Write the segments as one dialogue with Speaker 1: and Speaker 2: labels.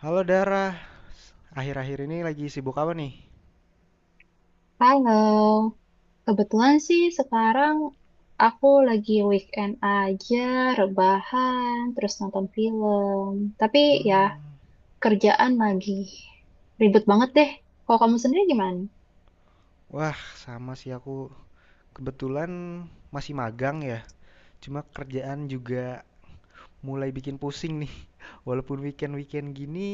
Speaker 1: Halo Dara, akhir-akhir ini lagi sibuk apa nih?
Speaker 2: Halo, kebetulan sih sekarang aku lagi weekend aja, rebahan, terus nonton film. Tapi ya
Speaker 1: Hmm,
Speaker 2: kerjaan lagi ribet banget deh. Kalau kamu sendiri gimana?
Speaker 1: Wah, sama sih aku. Kebetulan masih magang ya. Cuma kerjaan juga mulai bikin pusing nih. Walaupun weekend-weekend gini,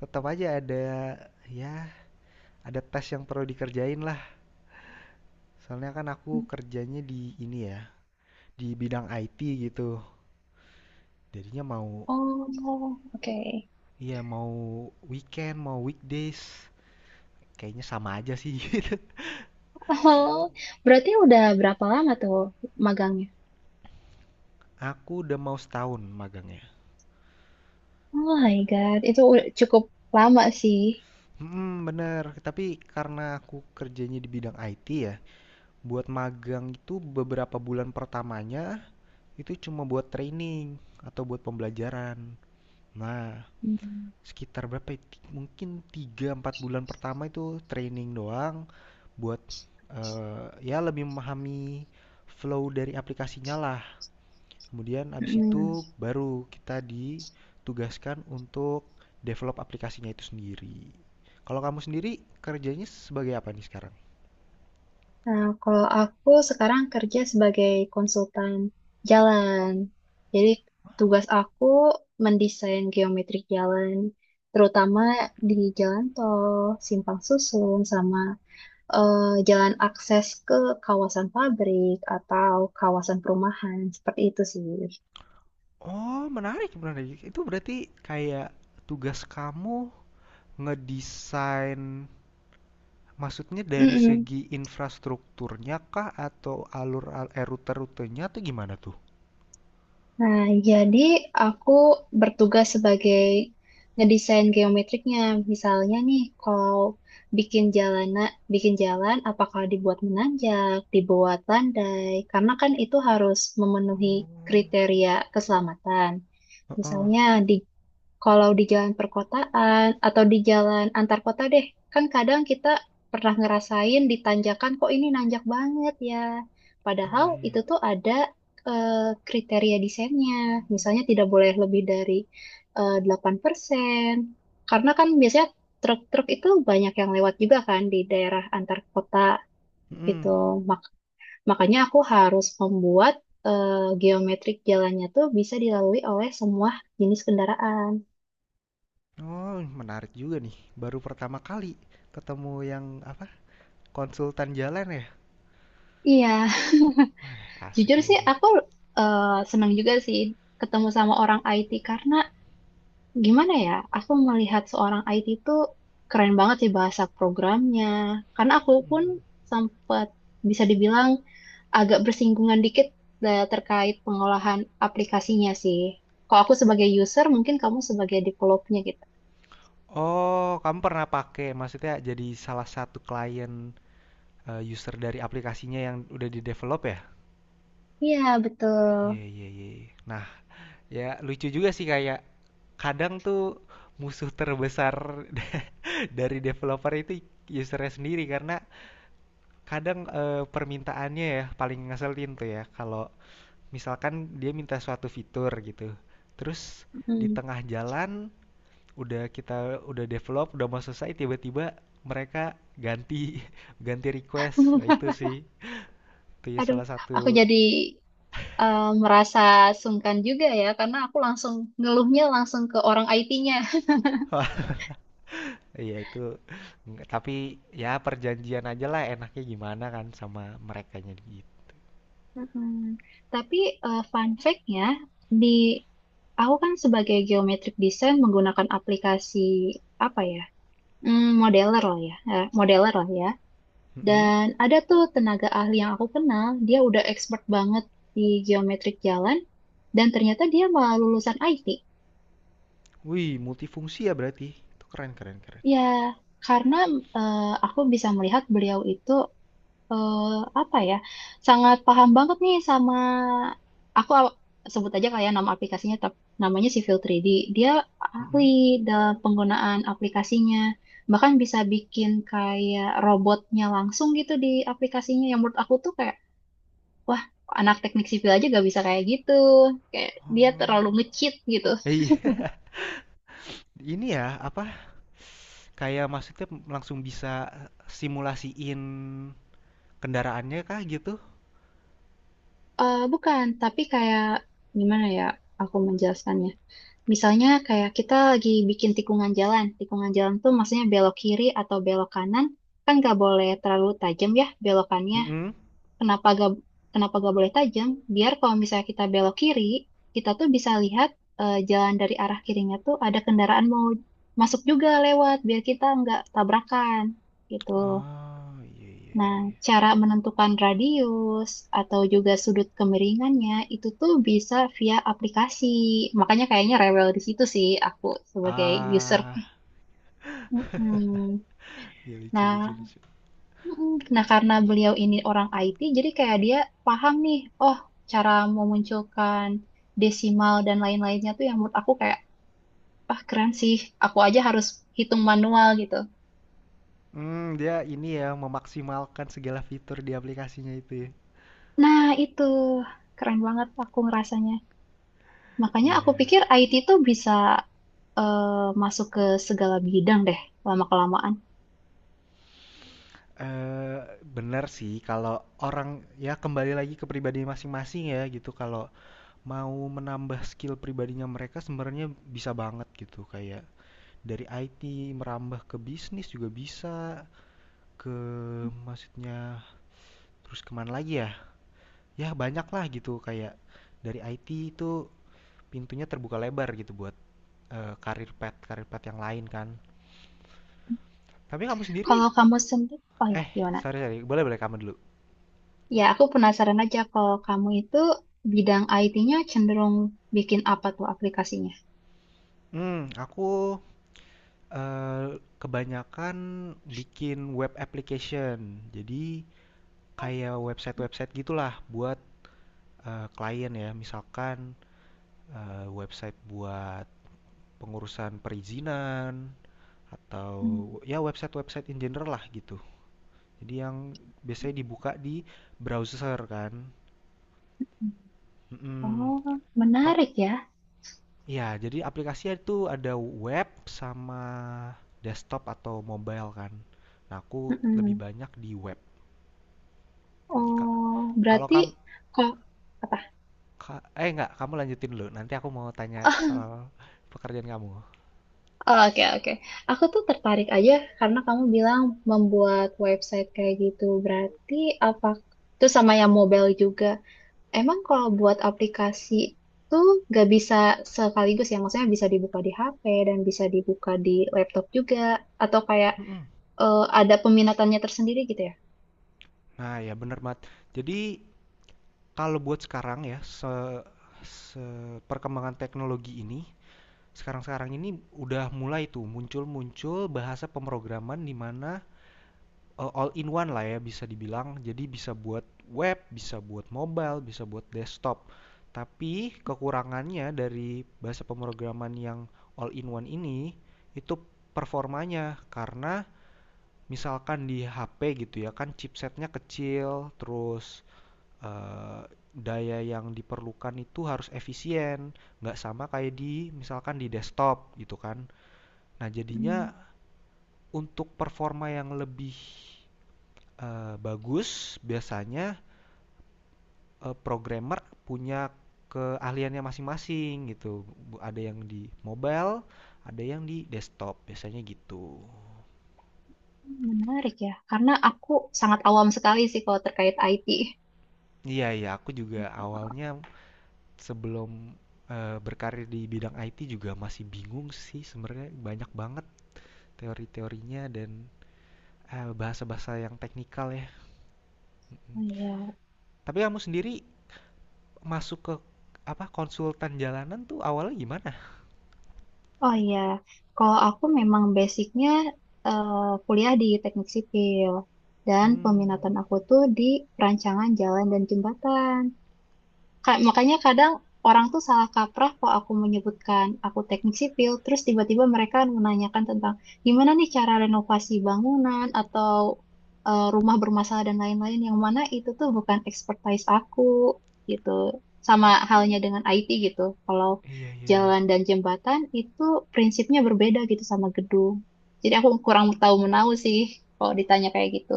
Speaker 1: tetap aja ada, ya, ada tes yang perlu dikerjain lah. Soalnya kan aku kerjanya di ini ya, di bidang IT gitu. Jadinya mau
Speaker 2: Oh, oke.
Speaker 1: iya mau weekend, mau weekdays, kayaknya sama aja sih. Gitu.
Speaker 2: Oh, berarti udah berapa lama tuh magangnya?
Speaker 1: Aku udah mau setahun magangnya.
Speaker 2: Oh my God, itu udah cukup lama sih.
Speaker 1: Mhm, bener. Tapi karena aku kerjanya di bidang IT ya, buat magang itu beberapa bulan pertamanya itu cuma buat training atau buat pembelajaran. Nah,
Speaker 2: Hmm.
Speaker 1: sekitar berapa ya? Mungkin tiga empat bulan pertama itu training doang buat ya lebih memahami flow dari aplikasinya lah. Kemudian habis itu
Speaker 2: Mm-mm.
Speaker 1: baru kita ditugaskan untuk develop aplikasinya itu sendiri. Kalau kamu sendiri kerjanya sebagai apa nih sekarang?
Speaker 2: Nah, kalau aku sekarang kerja sebagai konsultan jalan. Jadi tugas aku mendesain geometrik jalan, terutama di jalan tol, simpang susun, sama eh, jalan akses ke kawasan pabrik atau kawasan perumahan, seperti itu sih.
Speaker 1: Oh, menarik, menarik. Itu berarti kayak tugas kamu ngedesain maksudnya dari
Speaker 2: Mm-mm.
Speaker 1: segi infrastrukturnya kah atau alur, rute-rutenya atau gimana tuh?
Speaker 2: Nah, jadi aku bertugas sebagai ngedesain geometriknya. Misalnya nih, kalau bikin jalanan, bikin jalan, apakah dibuat menanjak, dibuat landai? Karena kan itu harus memenuhi
Speaker 1: Oh,
Speaker 2: kriteria keselamatan.
Speaker 1: heeh.
Speaker 2: Misalnya di kalau di jalan perkotaan atau di jalan antar kota deh, kan kadang kita pernah ngerasain di tanjakan kok ini nanjak banget ya. Padahal
Speaker 1: Iya, iya.
Speaker 2: itu tuh ada eh, kriteria desainnya. Misalnya tidak boleh lebih dari 8%. Karena kan biasanya truk-truk itu banyak yang lewat juga kan di daerah antar kota gitu.
Speaker 1: Mm-mm.
Speaker 2: Mak- makanya aku harus membuat eh, geometrik jalannya tuh bisa dilalui oleh semua jenis kendaraan.
Speaker 1: Oh, menarik juga nih. Baru pertama kali ketemu yang apa, konsultan jalan ya?
Speaker 2: Iya,
Speaker 1: Wah, asik
Speaker 2: jujur
Speaker 1: juga
Speaker 2: sih,
Speaker 1: nih.
Speaker 2: aku eh, senang juga sih ketemu sama orang IT karena gimana ya, aku melihat seorang IT itu keren banget sih bahasa programnya. Karena aku pun sempat bisa dibilang agak bersinggungan dikit terkait pengolahan aplikasinya sih. Kalau aku sebagai user, mungkin kamu sebagai developernya gitu.
Speaker 1: Oh, kamu pernah pakai maksudnya jadi salah satu klien, user dari aplikasinya yang udah di develop ya?
Speaker 2: Iya, betul.
Speaker 1: Iya, iya, iya, iya. Nah, ya lucu juga sih kayak kadang tuh musuh terbesar dari developer itu usernya sendiri karena kadang permintaannya ya paling ngeselin tuh ya kalau misalkan dia minta suatu fitur gitu terus di
Speaker 2: Mm.
Speaker 1: tengah jalan udah kita develop udah mau selesai tiba-tiba mereka ganti ganti request, nah itu sih itu ya
Speaker 2: Aduh,
Speaker 1: salah
Speaker 2: aku
Speaker 1: satu
Speaker 2: jadi merasa sungkan juga ya, karena aku langsung ngeluhnya langsung ke orang IT-nya.
Speaker 1: wah iya itu. Tapi ya perjanjian aja lah enaknya gimana kan sama merekanya gitu.
Speaker 2: Mm-mm. Tapi fun fact-nya, di aku kan sebagai geometric design menggunakan aplikasi apa ya, Modeler lah ya.
Speaker 1: Mm-mm.
Speaker 2: Dan ada tuh tenaga ahli yang aku kenal, dia udah expert banget di geometric jalan, dan ternyata dia malah lulusan IT.
Speaker 1: Wih, multifungsi ya berarti itu, keren keren keren.
Speaker 2: Ya, karena aku bisa melihat beliau itu eh, apa ya, sangat paham banget nih sama aku aw- sebut aja kayak nama aplikasinya namanya Civil 3D. Dia ahli
Speaker 1: Mm-mm.
Speaker 2: dalam penggunaan aplikasinya, bahkan bisa bikin kayak robotnya langsung gitu di aplikasinya, yang menurut aku tuh kayak wah, anak teknik sipil aja gak bisa kayak gitu, kayak dia
Speaker 1: Oh.
Speaker 2: terlalu nge-cheat gitu.
Speaker 1: Eh, iya. Ini ya apa kayak maksudnya langsung bisa simulasiin kendaraannya kah gitu?
Speaker 2: Bukan, tapi kayak gimana ya aku menjelaskannya. Misalnya kayak kita lagi bikin tikungan jalan. Tikungan jalan tuh maksudnya belok kiri atau belok kanan. Kan gak boleh terlalu tajam ya belokannya.
Speaker 1: Mm-mm.
Speaker 2: Kenapa gak, kenapa gak boleh tajam? Biar kalau misalnya kita belok kiri, kita tuh bisa lihat jalan dari arah kirinya tuh ada kendaraan mau masuk juga lewat. Biar kita nggak tabrakan gitu.
Speaker 1: Oh, iya iya
Speaker 2: Nah,
Speaker 1: iya.
Speaker 2: cara menentukan radius atau juga sudut kemiringannya itu tuh bisa via aplikasi. Makanya kayaknya rewel di situ sih aku sebagai user.
Speaker 1: Ah,
Speaker 2: Mm-mm.
Speaker 1: ya lucu lucu
Speaker 2: Nah,
Speaker 1: lucu.
Speaker 2: mm-mm. Nah karena beliau ini orang IT, jadi kayak dia paham nih, oh cara memunculkan desimal dan lain-lainnya tuh yang menurut aku kayak, ah keren sih, aku aja harus hitung manual gitu.
Speaker 1: Hmm, dia ini ya memaksimalkan segala fitur di aplikasinya itu ya.
Speaker 2: Nah, itu keren banget aku ngerasanya. Makanya aku
Speaker 1: Iya.
Speaker 2: pikir IT tuh bisa masuk ke segala bidang deh lama-kelamaan.
Speaker 1: Eh, benar sih kalau orang ya kembali lagi ke pribadi masing-masing ya gitu. Kalau mau menambah skill pribadinya mereka sebenarnya bisa banget gitu kayak dari IT merambah ke bisnis juga bisa ke, maksudnya, terus kemana lagi ya? Ya banyak lah gitu kayak dari IT itu pintunya terbuka lebar gitu buat karir pet yang lain kan. Tapi kamu sendiri,
Speaker 2: Kalau kamu sendiri, oh ya
Speaker 1: eh,
Speaker 2: gimana?
Speaker 1: sorry sorry, boleh boleh kamu dulu.
Speaker 2: Ya aku penasaran aja kalau kamu itu bidang IT-nya cenderung bikin apa tuh aplikasinya?
Speaker 1: Aku, kebanyakan bikin web application. Jadi kayak website-website gitulah buat, klien ya. Misalkan, website buat pengurusan perizinan atau
Speaker 2: Hmm.
Speaker 1: ya website-website in general lah gitu. Jadi yang biasanya dibuka di browser kan, mhm.
Speaker 2: Oh,
Speaker 1: Kalau,
Speaker 2: menarik ya.
Speaker 1: ya, jadi aplikasinya itu ada web sama desktop atau mobile kan. Nah, aku lebih
Speaker 2: Mm-mm.
Speaker 1: banyak di web. Ka-
Speaker 2: Oh,
Speaker 1: Kalau
Speaker 2: berarti
Speaker 1: kamu
Speaker 2: kok apa?
Speaker 1: eh enggak, kamu lanjutin dulu. Nanti aku mau tanya
Speaker 2: Oh,
Speaker 1: soal pekerjaan kamu.
Speaker 2: oke, oke. Aku tuh tertarik aja karena kamu bilang membuat website kayak gitu. Berarti apa? Itu sama yang mobile juga. Emang kalau buat aplikasi tuh nggak bisa sekaligus ya, maksudnya bisa dibuka di HP dan bisa dibuka di laptop juga, atau kayak
Speaker 1: Mm-mm.
Speaker 2: ada peminatannya tersendiri gitu ya?
Speaker 1: Nah, ya bener banget. Jadi kalau buat sekarang ya, se, se- perkembangan teknologi ini, sekarang-sekarang ini udah mulai tuh muncul-muncul bahasa pemrograman di mana all in one lah ya bisa dibilang. Jadi bisa buat web, bisa buat mobile, bisa buat desktop. Tapi kekurangannya dari bahasa pemrograman yang all in one ini itu performanya karena misalkan di HP gitu ya kan chipsetnya kecil, terus eh, daya yang diperlukan itu harus efisien, nggak sama kayak di misalkan di desktop gitu kan. Nah jadinya
Speaker 2: Hmm,
Speaker 1: untuk performa yang lebih bagus, biasanya, programmer punya keahliannya masing-masing gitu. Ada yang di mobile, ada yang di desktop, biasanya gitu.
Speaker 2: menarik ya, karena aku sangat awam sekali sih kalau terkait IT.
Speaker 1: Iya iya, aku juga awalnya sebelum, berkarir di bidang IT juga masih bingung sih sebenarnya, banyak banget teori-teorinya dan, bahasa-bahasa yang teknikal ya.
Speaker 2: Oh iya,
Speaker 1: Tapi kamu sendiri masuk ke, apa, konsultan jalanan tuh awalnya gimana?
Speaker 2: oh iya. Kalau aku memang basicnya eh, kuliah di teknik sipil dan peminatan
Speaker 1: hmm
Speaker 2: aku tuh di perancangan jalan dan jembatan. Makanya kadang orang tuh salah kaprah kok aku menyebutkan aku teknik sipil, terus tiba-tiba mereka menanyakan tentang gimana nih cara renovasi bangunan atau rumah bermasalah dan lain-lain yang mana itu tuh bukan expertise aku gitu. Sama halnya
Speaker 1: oh,
Speaker 2: dengan IT gitu. Kalau
Speaker 1: iya iya iya.
Speaker 2: jalan dan jembatan itu prinsipnya berbeda gitu sama gedung. Jadi aku kurang tahu menahu sih kalau ditanya kayak gitu.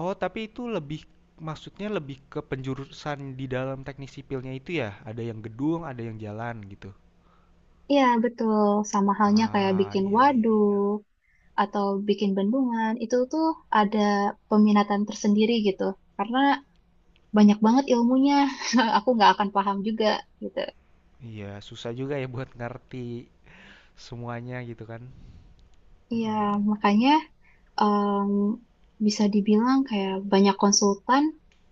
Speaker 1: Oh, tapi itu lebih maksudnya lebih ke penjurusan di dalam teknik sipilnya itu ya? Ada yang gedung, ada yang jalan gitu.
Speaker 2: Iya, betul. Sama halnya kayak
Speaker 1: Ah,
Speaker 2: bikin
Speaker 1: iya iya iya.
Speaker 2: waduk, atau bikin bendungan itu tuh ada peminatan tersendiri gitu karena banyak banget ilmunya. Aku nggak akan paham juga gitu.
Speaker 1: Iya, susah juga ya buat ngerti semuanya gitu kan.
Speaker 2: Iya,
Speaker 1: Mm-mm.
Speaker 2: makanya em, bisa dibilang kayak banyak konsultan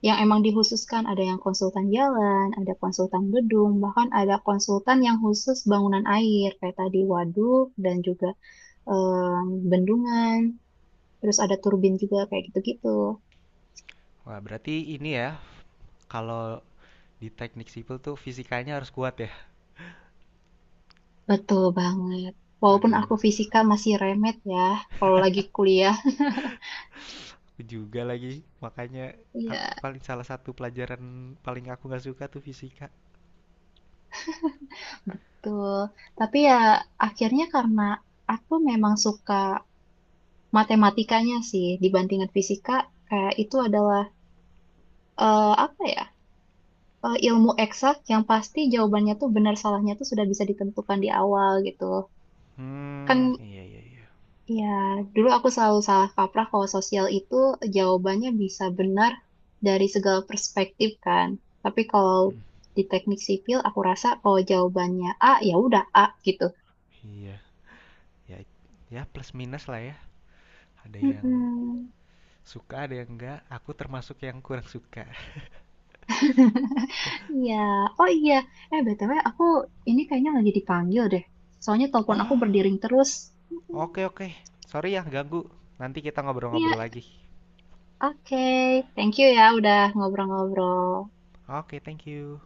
Speaker 2: yang emang dikhususkan, ada yang konsultan jalan, ada konsultan gedung, bahkan ada konsultan yang khusus bangunan air kayak tadi waduk dan juga bendungan, terus ada turbin juga kayak gitu-gitu.
Speaker 1: Wah, berarti ini ya kalau di teknik sipil tuh fisikanya harus kuat ya.
Speaker 2: Betul banget. Walaupun
Speaker 1: Waduh,
Speaker 2: aku fisika masih remet ya, kalau lagi kuliah.
Speaker 1: aku juga lagi. Makanya aku
Speaker 2: Iya,
Speaker 1: paling salah satu pelajaran paling aku nggak suka tuh fisika.
Speaker 2: betul. Tapi ya akhirnya karena aku memang suka matematikanya sih dibandingkan fisika, kayak itu adalah apa ya? Ilmu eksak yang pasti jawabannya tuh benar salahnya tuh sudah bisa ditentukan di awal gitu.
Speaker 1: Hmm,
Speaker 2: Kan
Speaker 1: iya iya iya.
Speaker 2: Ya, dulu aku selalu salah kaprah kalau sosial itu jawabannya bisa benar dari segala perspektif kan. Tapi kalau di teknik sipil aku rasa kalau jawabannya A ya udah A gitu.
Speaker 1: Iya, ya ya plus minus lah ya. Ada yang
Speaker 2: Mm-mm.
Speaker 1: suka ada yang enggak, aku termasuk yang kurang suka.
Speaker 2: Iya, oh iya. Eh, BTW aku ini kayaknya lagi dipanggil deh. Soalnya telepon aku
Speaker 1: Oh,
Speaker 2: berdering terus. Mm-mm.
Speaker 1: oke oke. Sorry ya ganggu. Nanti kita ngobrol-ngobrol
Speaker 2: Iya,
Speaker 1: lagi.
Speaker 2: oke. Thank you ya udah ngobrol-ngobrol.
Speaker 1: Oke, thank you.